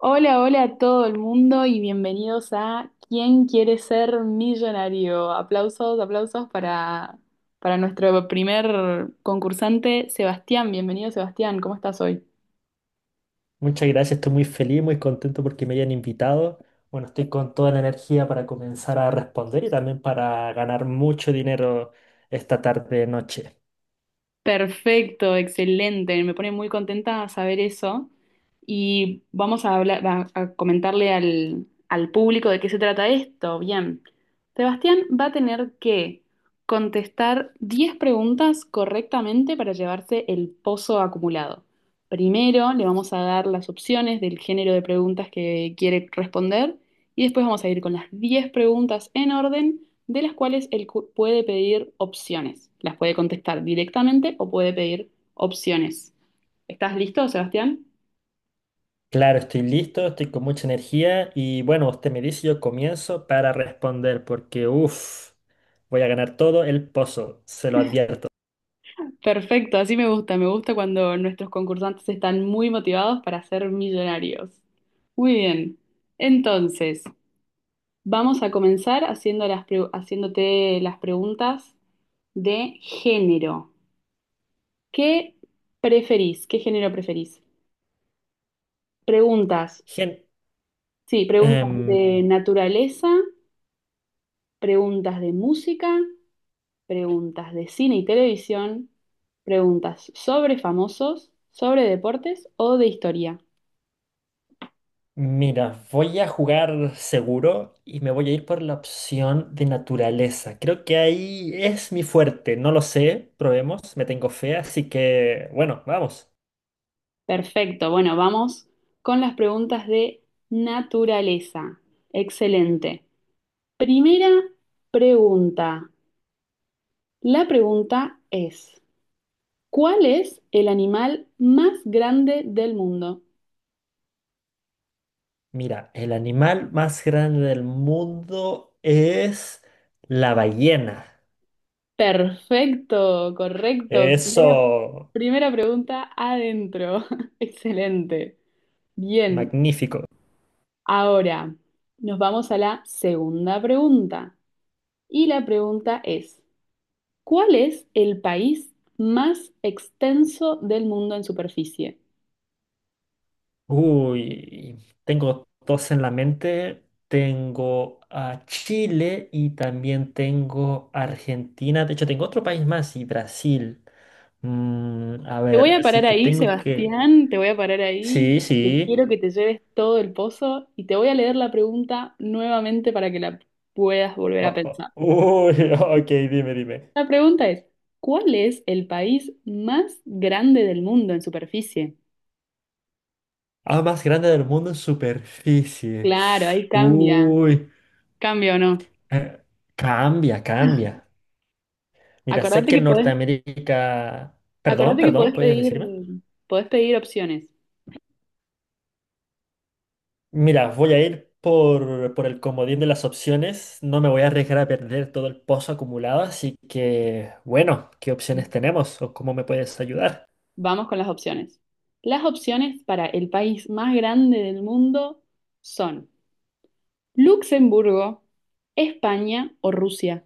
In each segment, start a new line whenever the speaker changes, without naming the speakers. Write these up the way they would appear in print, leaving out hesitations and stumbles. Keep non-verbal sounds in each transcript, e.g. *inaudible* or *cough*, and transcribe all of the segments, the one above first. Hola, hola a todo el mundo y bienvenidos a ¿Quién quiere ser millonario? Aplausos, aplausos para nuestro primer concursante, Sebastián. Bienvenido, Sebastián. ¿Cómo estás hoy?
Muchas gracias, estoy muy feliz, muy contento porque me hayan invitado. Bueno, estoy con toda la energía para comenzar a responder y también para ganar mucho dinero esta tarde noche.
Perfecto, excelente. Me pone muy contenta saber eso. Y vamos a hablar, a comentarle al público de qué se trata esto. Bien. Sebastián va a tener que contestar 10 preguntas correctamente para llevarse el pozo acumulado. Primero le vamos a dar las opciones del género de preguntas que quiere responder y después vamos a ir con las 10 preguntas en orden de las cuales él puede pedir opciones. Las puede contestar directamente o puede pedir opciones. ¿Estás listo, Sebastián?
Claro, estoy listo, estoy con mucha energía y bueno, usted me dice, yo comienzo para responder porque uff, voy a ganar todo el pozo, se lo advierto.
Perfecto, así me gusta. Me gusta cuando nuestros concursantes están muy motivados para ser millonarios. Muy bien. Entonces, vamos a comenzar haciendo haciéndote las preguntas de género. ¿Qué preferís? ¿Qué género preferís? Preguntas,
Gen-
sí, preguntas de
em,
naturaleza, preguntas de música preguntas de cine y televisión, preguntas sobre famosos, sobre deportes o de historia.
Mira, voy a jugar seguro y me voy a ir por la opción de naturaleza. Creo que ahí es mi fuerte, no lo sé, probemos, me tengo fe, así que bueno, vamos.
Perfecto, bueno, vamos con las preguntas de naturaleza. Excelente. Primera pregunta. La pregunta es, ¿cuál es el animal más grande del mundo?
Mira, el animal más grande del mundo es la ballena.
Perfecto, correcto. Primera,
Eso,
primera pregunta adentro. *laughs* Excelente. Bien.
magnífico.
Ahora, nos vamos a la segunda pregunta. Y la pregunta es, ¿cuál es el país más extenso del mundo en superficie?
Uy, tengo dos en la mente. Tengo a Chile y también tengo Argentina. De hecho, tengo otro país más y Brasil. A
Te voy
ver,
a
si
parar
te
ahí,
tengo que...
Sebastián, te voy a parar ahí,
Sí,
porque
sí.
quiero que te lleves todo el pozo y te voy a leer la pregunta nuevamente para que la puedas volver a pensar.
Uy, *laughs* ok, dime, dime.
La pregunta es, ¿cuál es el país más grande del mundo en superficie?
Ah, más grande del mundo en superficie.
Claro, ahí cambia,
Uy,
cambia o no.
eh, cambia, cambia. Mira, sé
Acordate
que
que podés
Norteamérica... Perdón,
Acordate que
perdón, ¿puedes decirme?
podés pedir opciones.
Mira, voy a ir por el comodín de las opciones. No me voy a arriesgar a perder todo el pozo acumulado, así que, bueno, ¿qué opciones tenemos o cómo me puedes ayudar?
Vamos con las opciones. Las opciones para el país más grande del mundo son Luxemburgo, España o Rusia.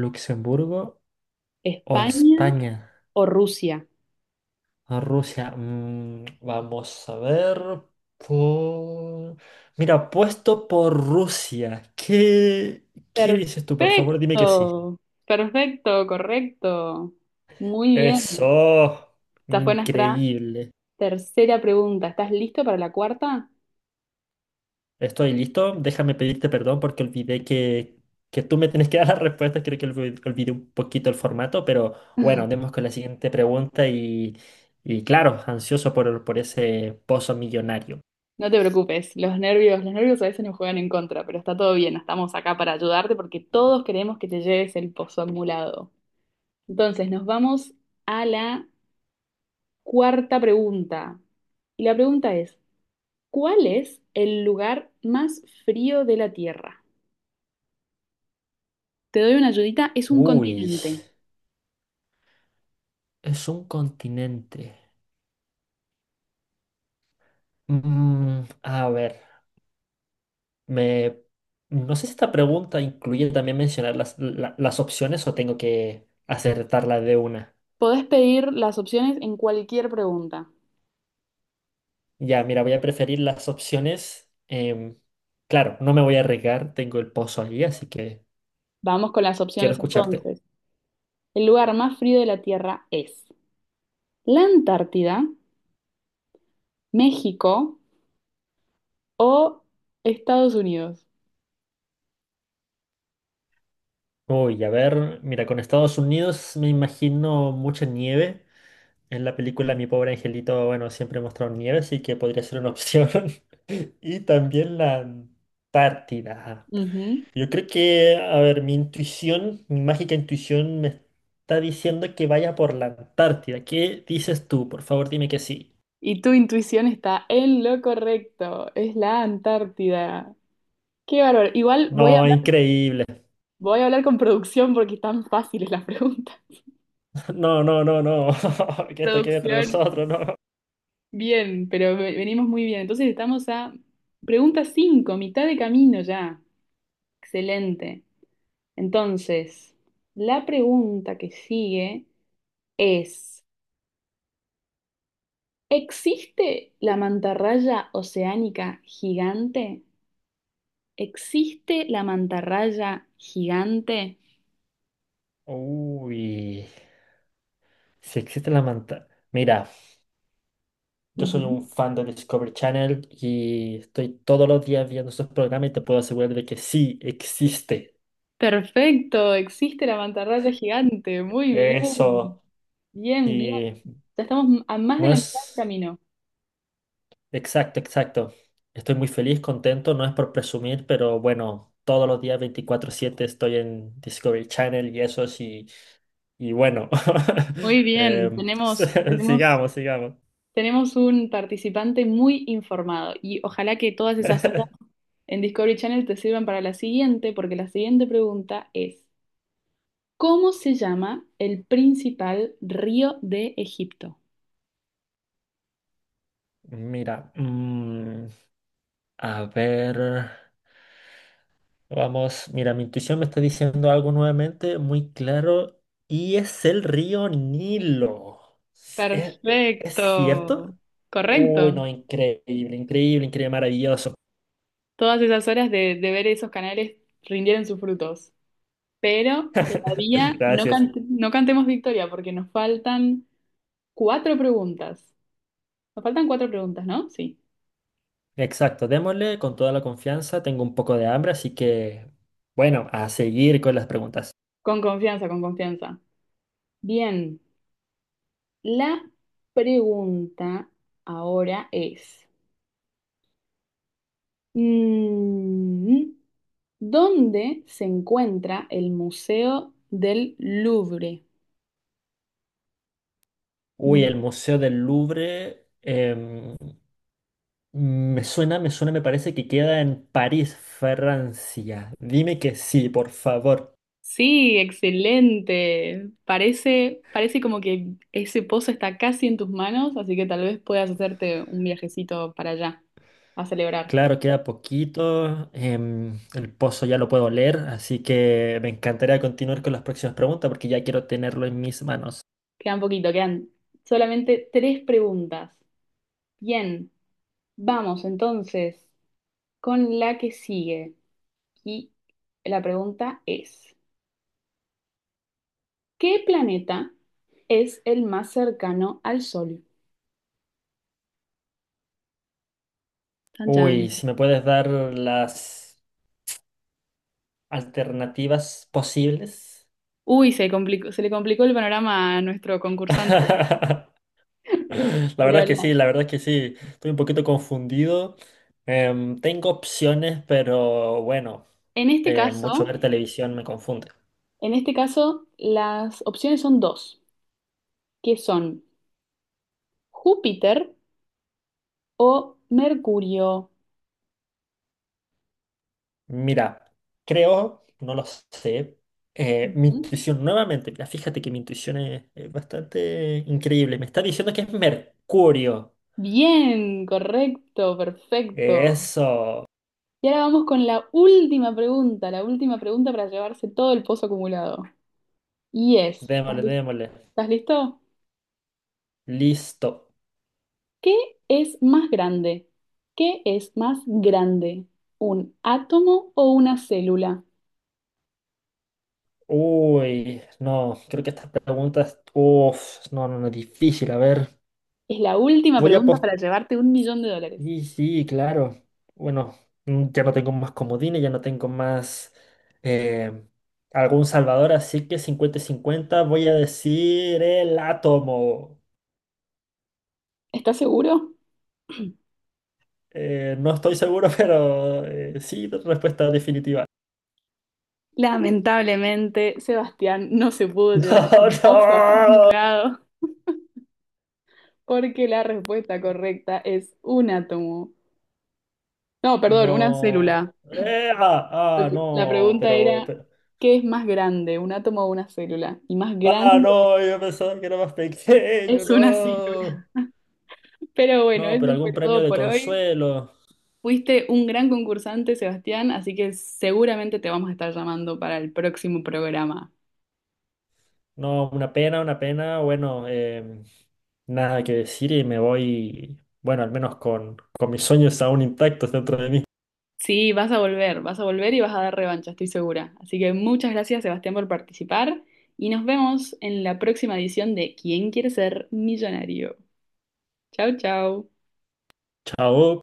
¿Luxemburgo o
España
España
o Rusia.
o Rusia? Mm, vamos a ver. Por... Mira, apuesto por Rusia. ¿Qué dices tú? Por favor, dime que sí.
Perfecto, perfecto, correcto. Muy bien.
Eso.
Esta fue nuestra
Increíble.
tercera pregunta. ¿Estás listo para la cuarta?
Estoy listo, déjame pedirte perdón porque olvidé que tú me tienes que *laughs* dar las respuestas, creo que olvi- olvidé un poquito el formato, pero bueno,
*laughs*
andemos con la siguiente pregunta y claro, ansioso por ese pozo millonario.
No te preocupes, los nervios a veces nos juegan en contra, pero está todo bien, estamos acá para ayudarte porque todos queremos que te lleves el pozo acumulado. Entonces, nos vamos a la cuarta pregunta. Y la pregunta es, ¿cuál es el lugar más frío de la Tierra? Te doy una ayudita, es un
Uy,
continente.
es un continente. A ver, me, no sé si esta pregunta incluye también mencionar las opciones o tengo que acertarla de una.
Podés pedir las opciones en cualquier pregunta.
Ya, mira, voy a preferir las opciones. Claro, no me voy a arriesgar, tengo el pozo allí, así que
Vamos con las
quiero
opciones
escucharte.
entonces. El lugar más frío de la Tierra es la Antártida, México, o Estados Unidos.
Uy, a ver, mira, con Estados Unidos me imagino mucha nieve. En la película Mi pobre angelito, bueno, siempre he mostrado nieve, así que podría ser una opción. *laughs* Y también la Antártida.
Ujú.
Yo creo que, a ver, mi intuición, mi mágica intuición me está diciendo que vaya por la Antártida. ¿Qué dices tú? Por favor, dime que sí.
Y tu intuición está en lo correcto, es la Antártida. Qué bárbaro. Igual
No, increíble.
voy a hablar con producción porque están fáciles las preguntas. *laughs*
No, no, no, no. *laughs* Que esto quede entre
Producción,
nosotros, no.
bien, pero venimos muy bien. Entonces estamos a pregunta cinco, mitad de camino ya. Excelente. Entonces, la pregunta que sigue es, ¿existe la mantarraya oceánica gigante? ¿Existe la mantarraya gigante?
Uy, si existe la manta. Mira, yo soy un
Ujú.
fan de Discovery Channel y estoy todos los días viendo esos programas y te puedo asegurar de que sí existe.
Perfecto, existe la mantarraya gigante. Muy bien,
Eso,
bien, bien.
y
Ya estamos a más de
no
la mitad del
es.
camino.
Exacto, exacto. Estoy muy feliz, contento, no es por presumir, pero bueno, todos los días 24/7 estoy en Discovery Channel y eso sí, y bueno,
Muy
*laughs*
bien,
em,
tenemos,
*laughs*
tenemos,
sigamos, sigamos.
tenemos un participante muy informado y ojalá que todas esas horas en Discovery Channel te sirvan para la siguiente, porque la siguiente pregunta es, ¿cómo se llama el principal río de Egipto?
Mira, a ver, vamos, mira, mi intuición me está diciendo algo nuevamente muy claro y es el río Nilo. Es cierto?
Perfecto,
Uy,
correcto.
no, increíble, increíble, increíble, maravilloso.
Todas esas horas de ver esos canales rindieron sus frutos, pero
*laughs*
todavía no,
Gracias.
no cantemos victoria porque nos faltan cuatro preguntas. Nos faltan cuatro preguntas, ¿no? Sí.
Exacto, démosle con toda la confianza. Tengo un poco de hambre, así que, bueno, a seguir con las preguntas.
Con confianza, con confianza. Bien, la pregunta ahora es, mm, ¿dónde se encuentra el Museo del Louvre?
Uy, el
Mm.
Museo del Louvre, me suena, me suena, me parece que queda en París, Francia. Dime que sí, por favor.
Sí, excelente. Parece, parece como que ese pozo está casi en tus manos, así que tal vez puedas hacerte un viajecito para allá a celebrar.
Claro, queda poquito. El pozo ya lo puedo leer, así que me encantaría continuar con las próximas preguntas porque ya quiero tenerlo en mis manos.
Quedan poquito, quedan solamente tres preguntas. Bien, vamos entonces con la que sigue. Y la pregunta es, ¿qué planeta es el más cercano al Sol? Chan, chan.
Uy, si me puedes dar las alternativas posibles.
Uy, se le complicó el panorama a nuestro concursante.
*laughs* La verdad
Pero
es que sí,
la-
la verdad es que sí. Estoy un poquito confundido. Tengo opciones, pero bueno,
en este
mucho
caso...
ver televisión me confunde.
En este caso, las opciones son dos, que son Júpiter o Mercurio.
Mira, creo, no lo sé, mi
Ujú.
intuición nuevamente, mira, fíjate que mi intuición es bastante increíble. Me está diciendo que es Mercurio.
Bien, correcto, perfecto.
Eso,
Y ahora vamos con la última pregunta para llevarse todo el pozo acumulado. Y es,
démosle, démosle.
¿estás listo?
Listo.
¿Qué es más grande? ¿Qué es más grande? ¿Un átomo o una célula?
Uy, no, creo que estas preguntas, uff, no, no, no, difícil, a ver.
Es la última
Voy a
pregunta
post...
para llevarte un millón de dólares.
Y sí, claro. Bueno, ya no tengo más comodines, ya no tengo más eh, algún salvador, así que cincuenta y 50 voy a decir el átomo.
¿Estás seguro?
No estoy seguro, *laughs* pero sí, respuesta definitiva. *laughs*
Lamentablemente, Sebastián no se pudo llevar
No,
el pozo
no.
acumulado porque la respuesta correcta es un átomo. No, perdón, una
No.
célula.
Ah,
Ok.
ah,
La
no,
pregunta
pero,
era,
pero.
¿qué es más grande, un átomo o una célula? Y más
Ah,
grande
no, yo pensaba que era más pequeño,
es una *laughs*
no.
célula. Pero bueno,
No,
eso
pero
fue
algún premio
todo
de
por hoy.
consuelo.
Fuiste un gran concursante, Sebastián, así que seguramente te vamos a estar llamando para el próximo programa.
No, una pena, una pena. Bueno, nada que decir y me voy, bueno, al menos con mis sueños aún intactos dentro de mí.
Sí, vas a volver y vas a dar revancha, estoy segura. Así que muchas gracias, Sebastián, por participar y nos vemos en la próxima edición de ¿Quién quiere ser millonario? Chau, chau.
Chao.